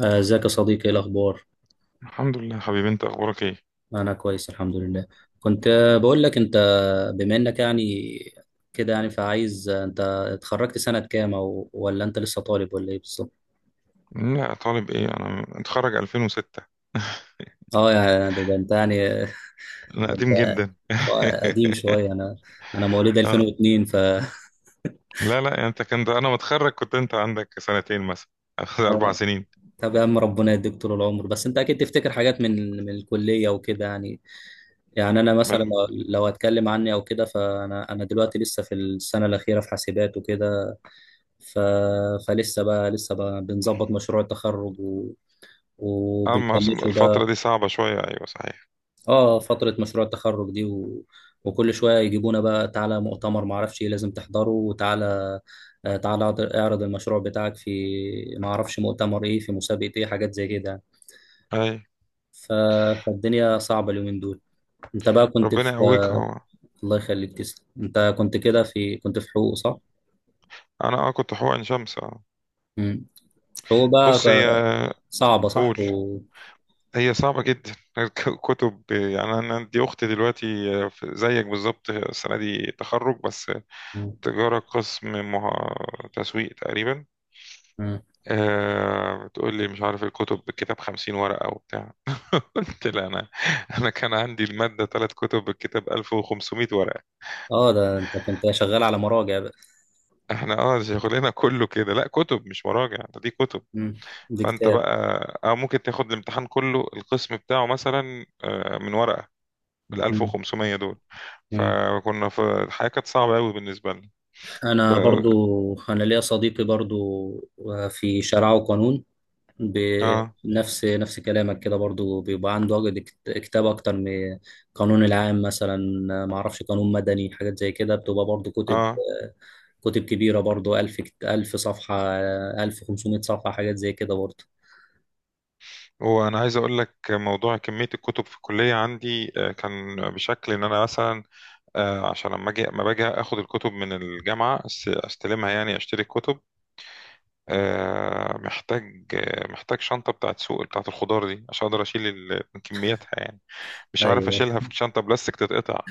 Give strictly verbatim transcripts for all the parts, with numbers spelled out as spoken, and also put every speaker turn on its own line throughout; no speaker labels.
آه، ازيك يا صديقي؟ ايه الاخبار؟
الحمد لله حبيبي، انت اخبارك ايه؟
انا كويس الحمد لله. كنت آه، بقول لك انت، بما انك يعني كده، يعني فعايز آه، انت اتخرجت سنة كام، او ولا انت لسه طالب ولا ايه بالظبط؟
لا، طالب ايه، انا متخرج ألفين وستة.
اه يعني ده, ده انت يعني
انا
ده
قديم
انت
جدا.
قديم شوية. انا انا مواليد
اه
ألفين اتنين، ف
لا لا يعني انت كنت، انا متخرج كنت انت عندك سنتين مثلا. اربع
آه،
سنين
طب يا عم ربنا يديك طول العمر. بس انت اكيد تفتكر حاجات من من الكلية وكده يعني. يعني انا مثلا لو
من-
لو هتكلم عني او كده، فانا انا دلوقتي لسه في السنة الأخيرة في حاسبات وكده. ف... فلسه بقى لسه بقى بنظبط مشروع التخرج، و...
اما
وبنفنشه
الفترة
بقى.
دي صعبة شوية، ايوه صحيح.
اه، فترة مشروع التخرج دي، و... وكل شوية يجيبونا بقى: تعالى مؤتمر معرفش ايه لازم تحضره، وتعالى آه، تعالى اعرض اعرض المشروع بتاعك في معرفش مؤتمر ايه، في مسابقة ايه، حاجات زي كده.
اي
ف... فالدنيا صعبة اليومين دول. انت بقى كنت
ربنا
في
يقويك. هو
الله يخليك تسلم. انت كنت كده في كنت في حقوق، صح؟
انا اه كنت حقن عين شمس. اه
مم. حقوق بقى
بص هي.
صعبة صح؟
قول.
و...
هي صعبة جدا. كتب؟ يعني انا دي اختي دلوقتي في- زيك بالظبط، السنة دي تخرج بس. تجارة، قسم مه... تسويق تقريبا.
مم.
آه تقول لي مش عارف الكتب، بالكتاب خمسين ورقة وبتاع. قلت لا، أنا أنا كان عندي المادة ثلاث كتب، بالكتاب ألف وخمسمائة ورقة.
اه، ده انت كنت شغال على مراجع بقى.
احنا اه شغلنا كله كده، لا كتب مش مراجع، ده دي كتب.
مم. دي
فأنت
كتاب.
بقى أو ممكن تاخد الامتحان كله، القسم بتاعه مثلا آه، من ورقة بال
مم.
ألف وخمسمية دول.
مم.
فكنا في الحياة كانت صعبة قوي بالنسبة لنا.
انا برضو
بقى-
انا ليا صديقي برضو آه، في شرع وقانون،
اه
بنفس نفس كلامك كده، برضو بيبقى عنده عقد كت- كتاب اكتر من قانون العام مثلا، ما اعرفش قانون مدني، حاجات زي كده بتبقى برضو كتب
اه
كتب كبيرة برضو، ألف كت- ألف صفحة، ألف وخمسمائة صفحة، حاجات زي كده برضو.
وانا عايز اقول لك، موضوع كميه الكتب في الكليه عندي آه، كان بشكل ان انا مثلا آه، عشان لما اجي لما باجي اخد الكتب من الجامعه، أس- استلمها، يعني اشتري الكتب. آه، محتاج آه، محتاج شنطه بتاعت سوق بتاعت الخضار دي عشان اقدر اشيل ال- من كمياتها، يعني مش عارف
ايوه،
اشيلها في شنطه بلاستيك تتقطع.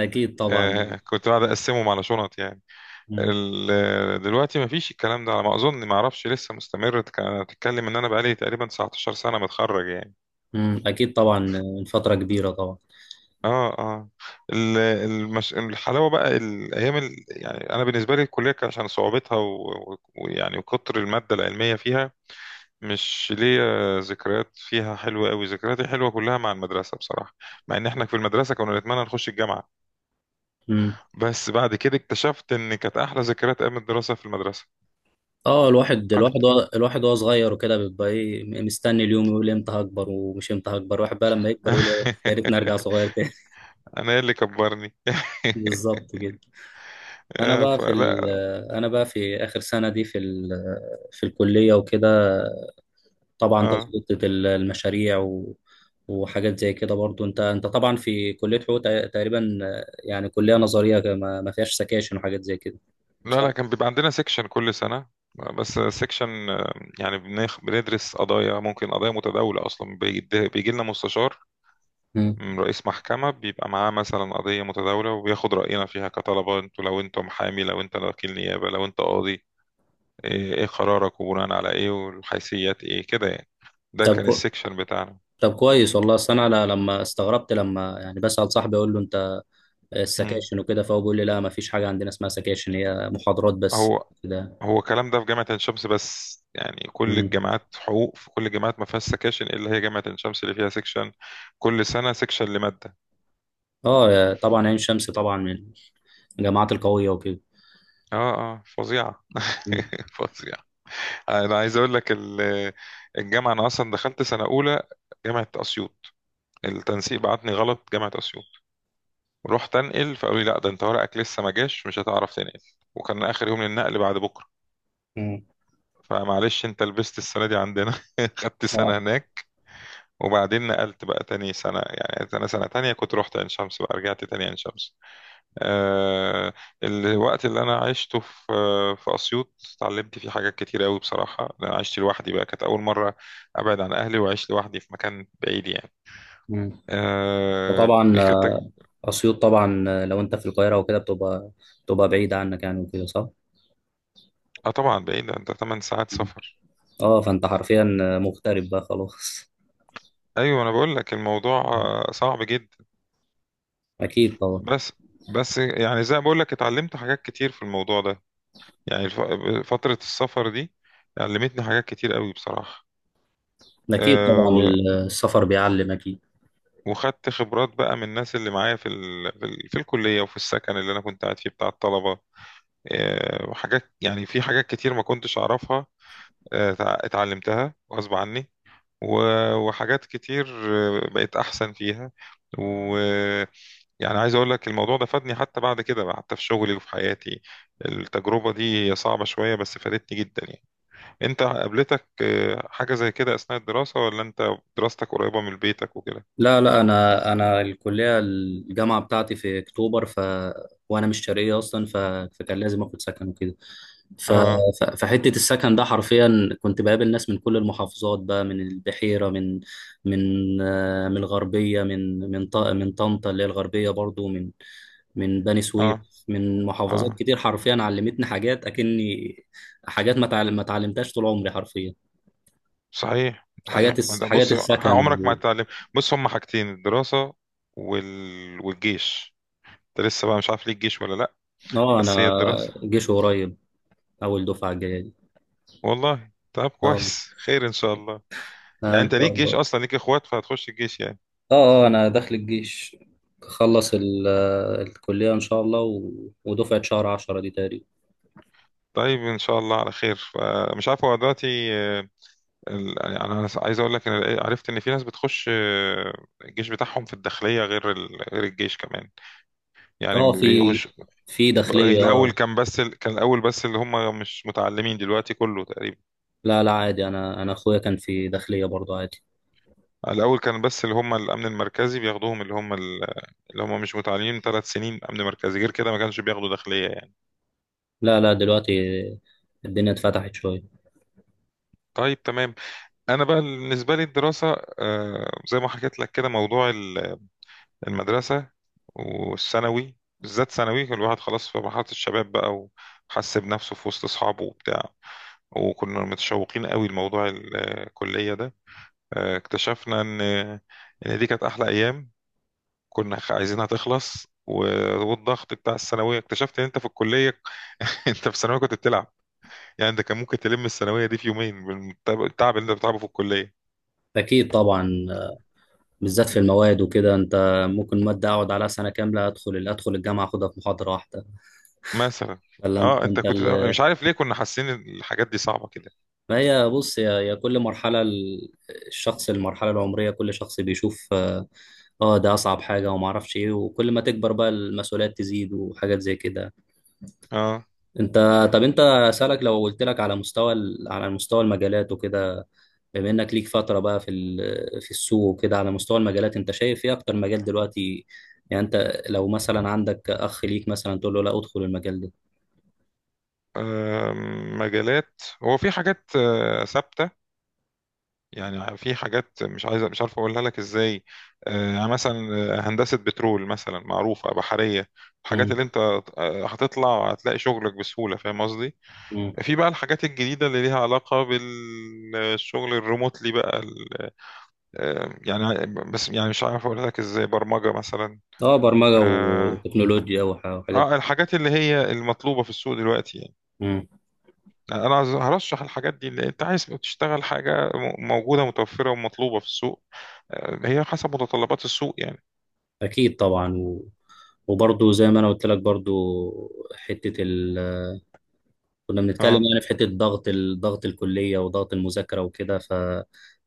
اكيد طبعا.
آه، كنت قاعد اقسمهم على شنط يعني.
مم.
ال- دلوقتي مفيش الكلام ده، على ما اظن، ما اعرفش لسه مستمر، تك- تتكلم، ان انا بقالي تقريبا تسعتاشر سنه متخرج يعني.
مم. اكيد طبعا، آه، من فترة كبيرة طبعا.
اه اه ال- المش... الحلاوه بقى الايام، ال... يعني انا بالنسبه لي الكليه كان عشان صعوبتها و- و- ويعني وكتر الماده العلميه فيها. مش ليا ذكريات فيها حلوه قوي، ذكرياتي حلوه كلها مع المدرسه بصراحه. مع ان احنا في المدرسه كنا نتمنى نخش الجامعه، بس بعد كده اكتشفت ان كانت احلى ذكريات ايام الدراسه في المدرسه.
اه، الواحد الواحد
اكتر.
وهو- الواحد وهو صغير وكده بيبقى ايه، مستني اليوم، يقول امتى هكبر، ومش امتى هكبر الواحد بقى، لما يكبر يقول إيه، يا ريتني ارجع صغير تاني.
انا اللي كبرني.
بالظبط كده. انا
آه،
بقى في
فلا.
ال- انا بقى في اخر سنة دي في ال- في الكلية وكده. طبعا
اه
تظبيط ال- المشاريع و وحاجات زي كده، برضو انت انت طبعا في كلية حقوق، تق- تقريبا يعني كلية نظرية كده، ما ما فيهاش سكاشن وحاجات زي كده،
لا
صح؟
لا، كان بيبقى عندنا سيكشن كل سنة. بس سيكشن، يعني بنخ... بندرس قضايا، ممكن قضايا متداولة أصلا. بيجي, بيجي لنا مستشار
مم.
من رئيس محكمة، بيبقى معاه مثلا قضية متداولة وبياخد رأينا فيها كطلبة، انتوا لو انتوا محامي، لو انت وكيل نيابة، لو انت قاضي، ايه, ايه قرارك، وبناء على ايه، والحيثيات ايه كده يعني. ده
طب
كان
كو...
السيكشن بتاعنا.
طب كويس والله. اصل انا ل- لما استغربت، لما يعني بسأل صاحبي اقول له: انت
مم.
السكاشن وكده؟ فهو بيقول لي: لا، ما فيش حاجه عندنا اسمها سكاشن، هي محاضرات بس
هو
كده.
هو الكلام ده في جامعة عين شمس بس، يعني كل
مم.
الجامعات حقوق، في كل الجامعات ما فيهاش سكاشن إلا هي جامعة عين شمس اللي فيها سكشن. كل سنة سكشن لمادة.
اه، طبعا عين شمس طبعا من الجامعات القويه وكده.
اه اه فظيعة.
مم.
فظيعة. أنا عايز أقول لك ال- الجامعة، أنا أصلا دخلت سنة أولى جامعة أسيوط. التنسيق بعتني غلط جامعة أسيوط. رحت أنقل، فقالوا لي لا، ده أنت ورقك لسه ما جاش، مش هتعرف تنقل، وكان آخر يوم للنقل بعد بكرة، فمعلش أنت لبست السنة دي عندنا. خدت سنة هناك، وبعدين نقلت بقى تاني سنة. يعني أنا سنة تانية كنت رحت عين شمس، بقى رجعت تاني عين شمس. آه الوقت اللي أنا عشته في في أسيوط، اتعلمت فيه حاجات كتير أوي بصراحة، لأن أنا عشت لوحدي بقى، كانت أول مرة أبعد عن أهلي وعشت لوحدي في مكان بعيد يعني.
مم.
آه
وطبعا
كانت تج-
آه، اسيوط طبعا آه، لو انت في القاهره وكده بتبقى بتبقى بعيده عنك يعني وكده، صح؟
آه طبعا بعيد، ده تمانية ساعات
مم.
سفر.
اه، فانت حرفيا آه، مغترب بقى خلاص.
أيوة أنا بقول لك الموضوع آه، صعب جدا.
اكيد طبعا.
بس بس يعني زي ما بقول لك اتعلمت حاجات كتير في الموضوع ده. يعني الف- فترة السفر دي علمتني حاجات كتير قوي بصراحة.
اكيد
أه
طبعا.
و-
السفر بيعلم اكيد.
وخدت خبرات بقى من الناس اللي معايا في, ال... في, ال... في الكلية، وفي السكن اللي أنا كنت قاعد فيه بتاع الطلبة. أه وحاجات، يعني في حاجات كتير ما كنتش أعرفها، أه تع- اتعلمتها غصب عني. و... وحاجات كتير آه، بقيت أحسن فيها. و يعني عايز أقول لك الموضوع ده فادني، حتى بعد كده، حتى في شغلي وفي حياتي. التجربة دي هي صعبة شوية بس فادتني جدا يعني. انت قابلتك آه، حاجة زي كده اثناء الدراسة؟ ولا انت دراستك قريبة من بيتك وكده؟
لا لا، انا انا الكليه الجامعه بتاعتي في اكتوبر، ف وانا مش شرقيه اصلا. ف... فكان لازم اخد سكن وكده. ف...
اه
ف... فحته السكن ده حرفيا كنت بقابل ناس من كل المحافظات بقى، من البحيره، من من آه، من الغربيه، من من ط... من طنطا اللي هي الغربيه برضو، من من بني سويف،
اه
من محافظات
اه
كتير، حرفيا علمتني حاجات اكني حاجات ما تعلم... ما اتعلمتهاش طول عمري حرفيا،
صحيح صحيح،
حاجات
ما
الس...
ده
حاجات
بص
السكن.
عمرك ما
و...
هتتعلم. بص هما حاجتين، الدراسة وال... والجيش. انت لسه بقى مش عارف ليك جيش ولا لا؟
اه انا
بس هي الدراسة.
جيش قريب، اول دفعه الجايه دي.
والله طب
اه،
كويس، خير ان شاء الله.
آه،
يعني
ان
انت
شاء
ليك جيش
الله.
اصلا، ليك اخوات فهتخش الجيش يعني.
اه اه، انا داخل الجيش، اخلص ال- آه، الكليه ان شاء الله، و... ودفعه شهر عشرة دي تقريبا.
طيب ان شاء الله على خير. فمش عارف هو دلوقتي آه، ال- يعني انا عايز اقول لك، ان عرفت ان في ناس بتخش آه، الجيش بتاعهم في الداخليه، غير ال... غير الجيش كمان، يعني
اه،
ما
في
بيقوش.
في داخليه
الاول
اه.
كان بس ال... كان الاول بس اللي هم مش متعلمين، دلوقتي كله تقريبا.
لا لا، عادي، انا انا اخويا كان في داخليه برضه، عادي.
الاول كان بس اللي هم الامن المركزي بياخدوهم، اللي هم ال... اللي هم مش متعلمين ثلاث سنين امن مركزي، غير كده ما كانش بياخدوا داخليه يعني.
لا لا، دلوقتي الدنيا اتفتحت شويه.
طيب تمام. انا بقى بالنسبه لي الدراسه، آه، زي ما حكيت لك كده، موضوع المدرسة والثانوي، بالذات ثانوي، كان الواحد خلاص في مرحلة الشباب بقى، وحس بنفسه في وسط أصحابه وبتاع، وكنا متشوقين قوي لموضوع الكلية ده. آه، اكتشفنا إن إن دي كانت أحلى أيام. كنا خ- عايزينها تخلص، و- والضغط بتاع الثانوية. اكتشفت إن أنت في الكلية، أنت في الثانوية كنت بتلعب. يعني أنت كان ممكن تلم الثانوية دي في يومين بالتعب، التعب اللي أنت بتعبه في الكلية
اكيد طبعا، آه، بالذات في المواد وكده. انت ممكن ماده اقعد عليها سنه كامله، ادخل ادخل الجامعه اخدها في محاضره واحده.
مثلا.
ولا انت
اه انت
انت
كنت مش عارف ليه كنا حاسين إن الحاجات دي صعبة كده.
ما هي بص يا يا كل مرحلة ال- الشخص، المرحلة العمرية، كل شخص بيشوف اه، آه، ده أصعب حاجة وما أعرفش إيه. وكل ما تكبر بقى المسؤوليات تزيد وحاجات زي كده.
اه.
أنت طب أنت أسألك، لو قلت لك على مستوى ال- على مستوى المجالات وكده، بما إنك ليك فترة بقى في ال- في السوق وكده، على مستوى المجالات أنت شايف إيه أكتر مجال دلوقتي؟ يعني أنت لو مثلا عندك أخ ليك مثلا تقول له: لا، أدخل المجال ده.
آم، مجالات، هو في حاجات آه، ثابتة. يعني في حاجات مش عايز مش عارف أقولها لك إزاي، آه، يعني مثلا آه، هندسة بترول مثلا معروفة بحرية، الحاجات
مم.
اللي أنت آه، هتطلع هتلاقي شغلك بسهولة، فاهم قصدي؟
مم.
في بقى الحاجات الجديدة اللي ليها علاقة بالشغل الريموتلي بقى ال- آه، يعني، بس يعني مش عارف أقولها لك إزاي، برمجة مثلا.
اه، برمجة
آه
وتكنولوجيا وح- وحاجات
آه، الحاجات اللي هي المطلوبة في السوق دلوقتي.
دي.
يعني انا عايز- هرشح الحاجات دي، اللي انت عايز تشتغل حاجه م- موجوده، متوفره ومطلوبه في السوق. آه، هي حسب متطلبات السوق يعني.
اكيد طبعا، و... وبرضه زي ما انا قلت لك برضه حته ال... كنا بنتكلم
اه
يعني في حته ضغط ال... ضغط الكليه وضغط المذاكره وكده. ف...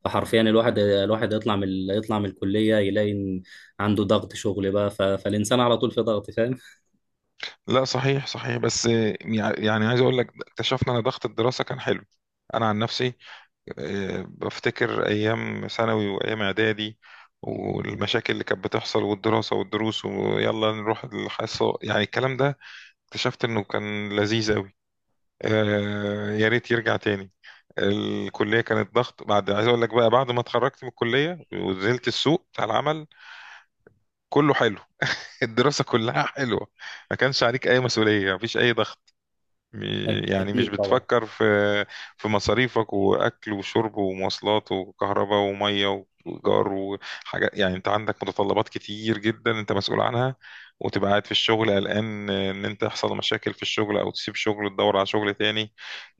فحرفيا الواحد الواحد يطلع من ال- يطلع من الكليه، يلاقي إن عنده ضغط شغل بقى. ف... فالانسان على طول في ضغط، فاهم.
لا صحيح صحيح، بس آه، يع- يعني عايز اقول لك اكتشفنا ان ضغط الدراسه كان حلو. انا عن نفسي آه، بفتكر ايام ثانوي وايام اعدادي، والمشاكل اللي كانت بتحصل، والدراسه والدروس ويلا نروح الحصه، يعني الكلام ده اكتشفت انه كان لذيذ قوي. آه، يا ريت يرجع تاني. الكلية كانت ضغط بعد. عايز اقول لك بقى بعد ما اتخرجت من الكلية ونزلت السوق بتاع العمل، كله حلو. الدراسة كلها حلوة، ما كانش عليك اي مسؤولية، مفيش اي ضغط. م-
أك-
يعني مش
اكيد طبعا.
بتفكر في في مصاريفك، واكل وشرب ومواصلات وكهرباء ومية وايجار وحاجات، يعني انت عندك متطلبات كتير جدا انت مسؤول عنها. وتبقى قاعد في الشغل قلقان ان انت يحصل مشاكل في الشغل، او تسيب شغل تدور على شغل تاني.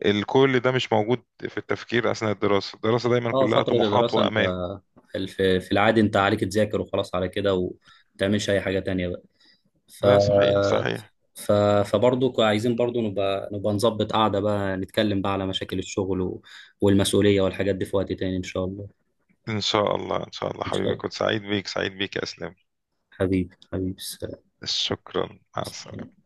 الكل ده مش موجود في التفكير أثناء الدراسة. الدراسة دايما
اه،
كلها
فتره
طموحات
الدراسه انت
وأمال.
في في العادي انت عليك تذاكر وخلاص، على كده، وما تعملش اي حاجه تانية بقى. ف
لا صحيح صحيح.
ف فبرضه عايزين برضه نبقى نبقى نظبط قعدة بقى، نتكلم بقى على مشاكل الشغل و... والمسؤولية والحاجات دي في وقت تاني إن شاء الله.
إن شاء الله إن شاء الله
إن شاء
حبيبي،
الله
كنت سعيد بيك سعيد بيك يا أسلام.
حبيبي حبيبي.
شكرا، مع السلامة.
سلام.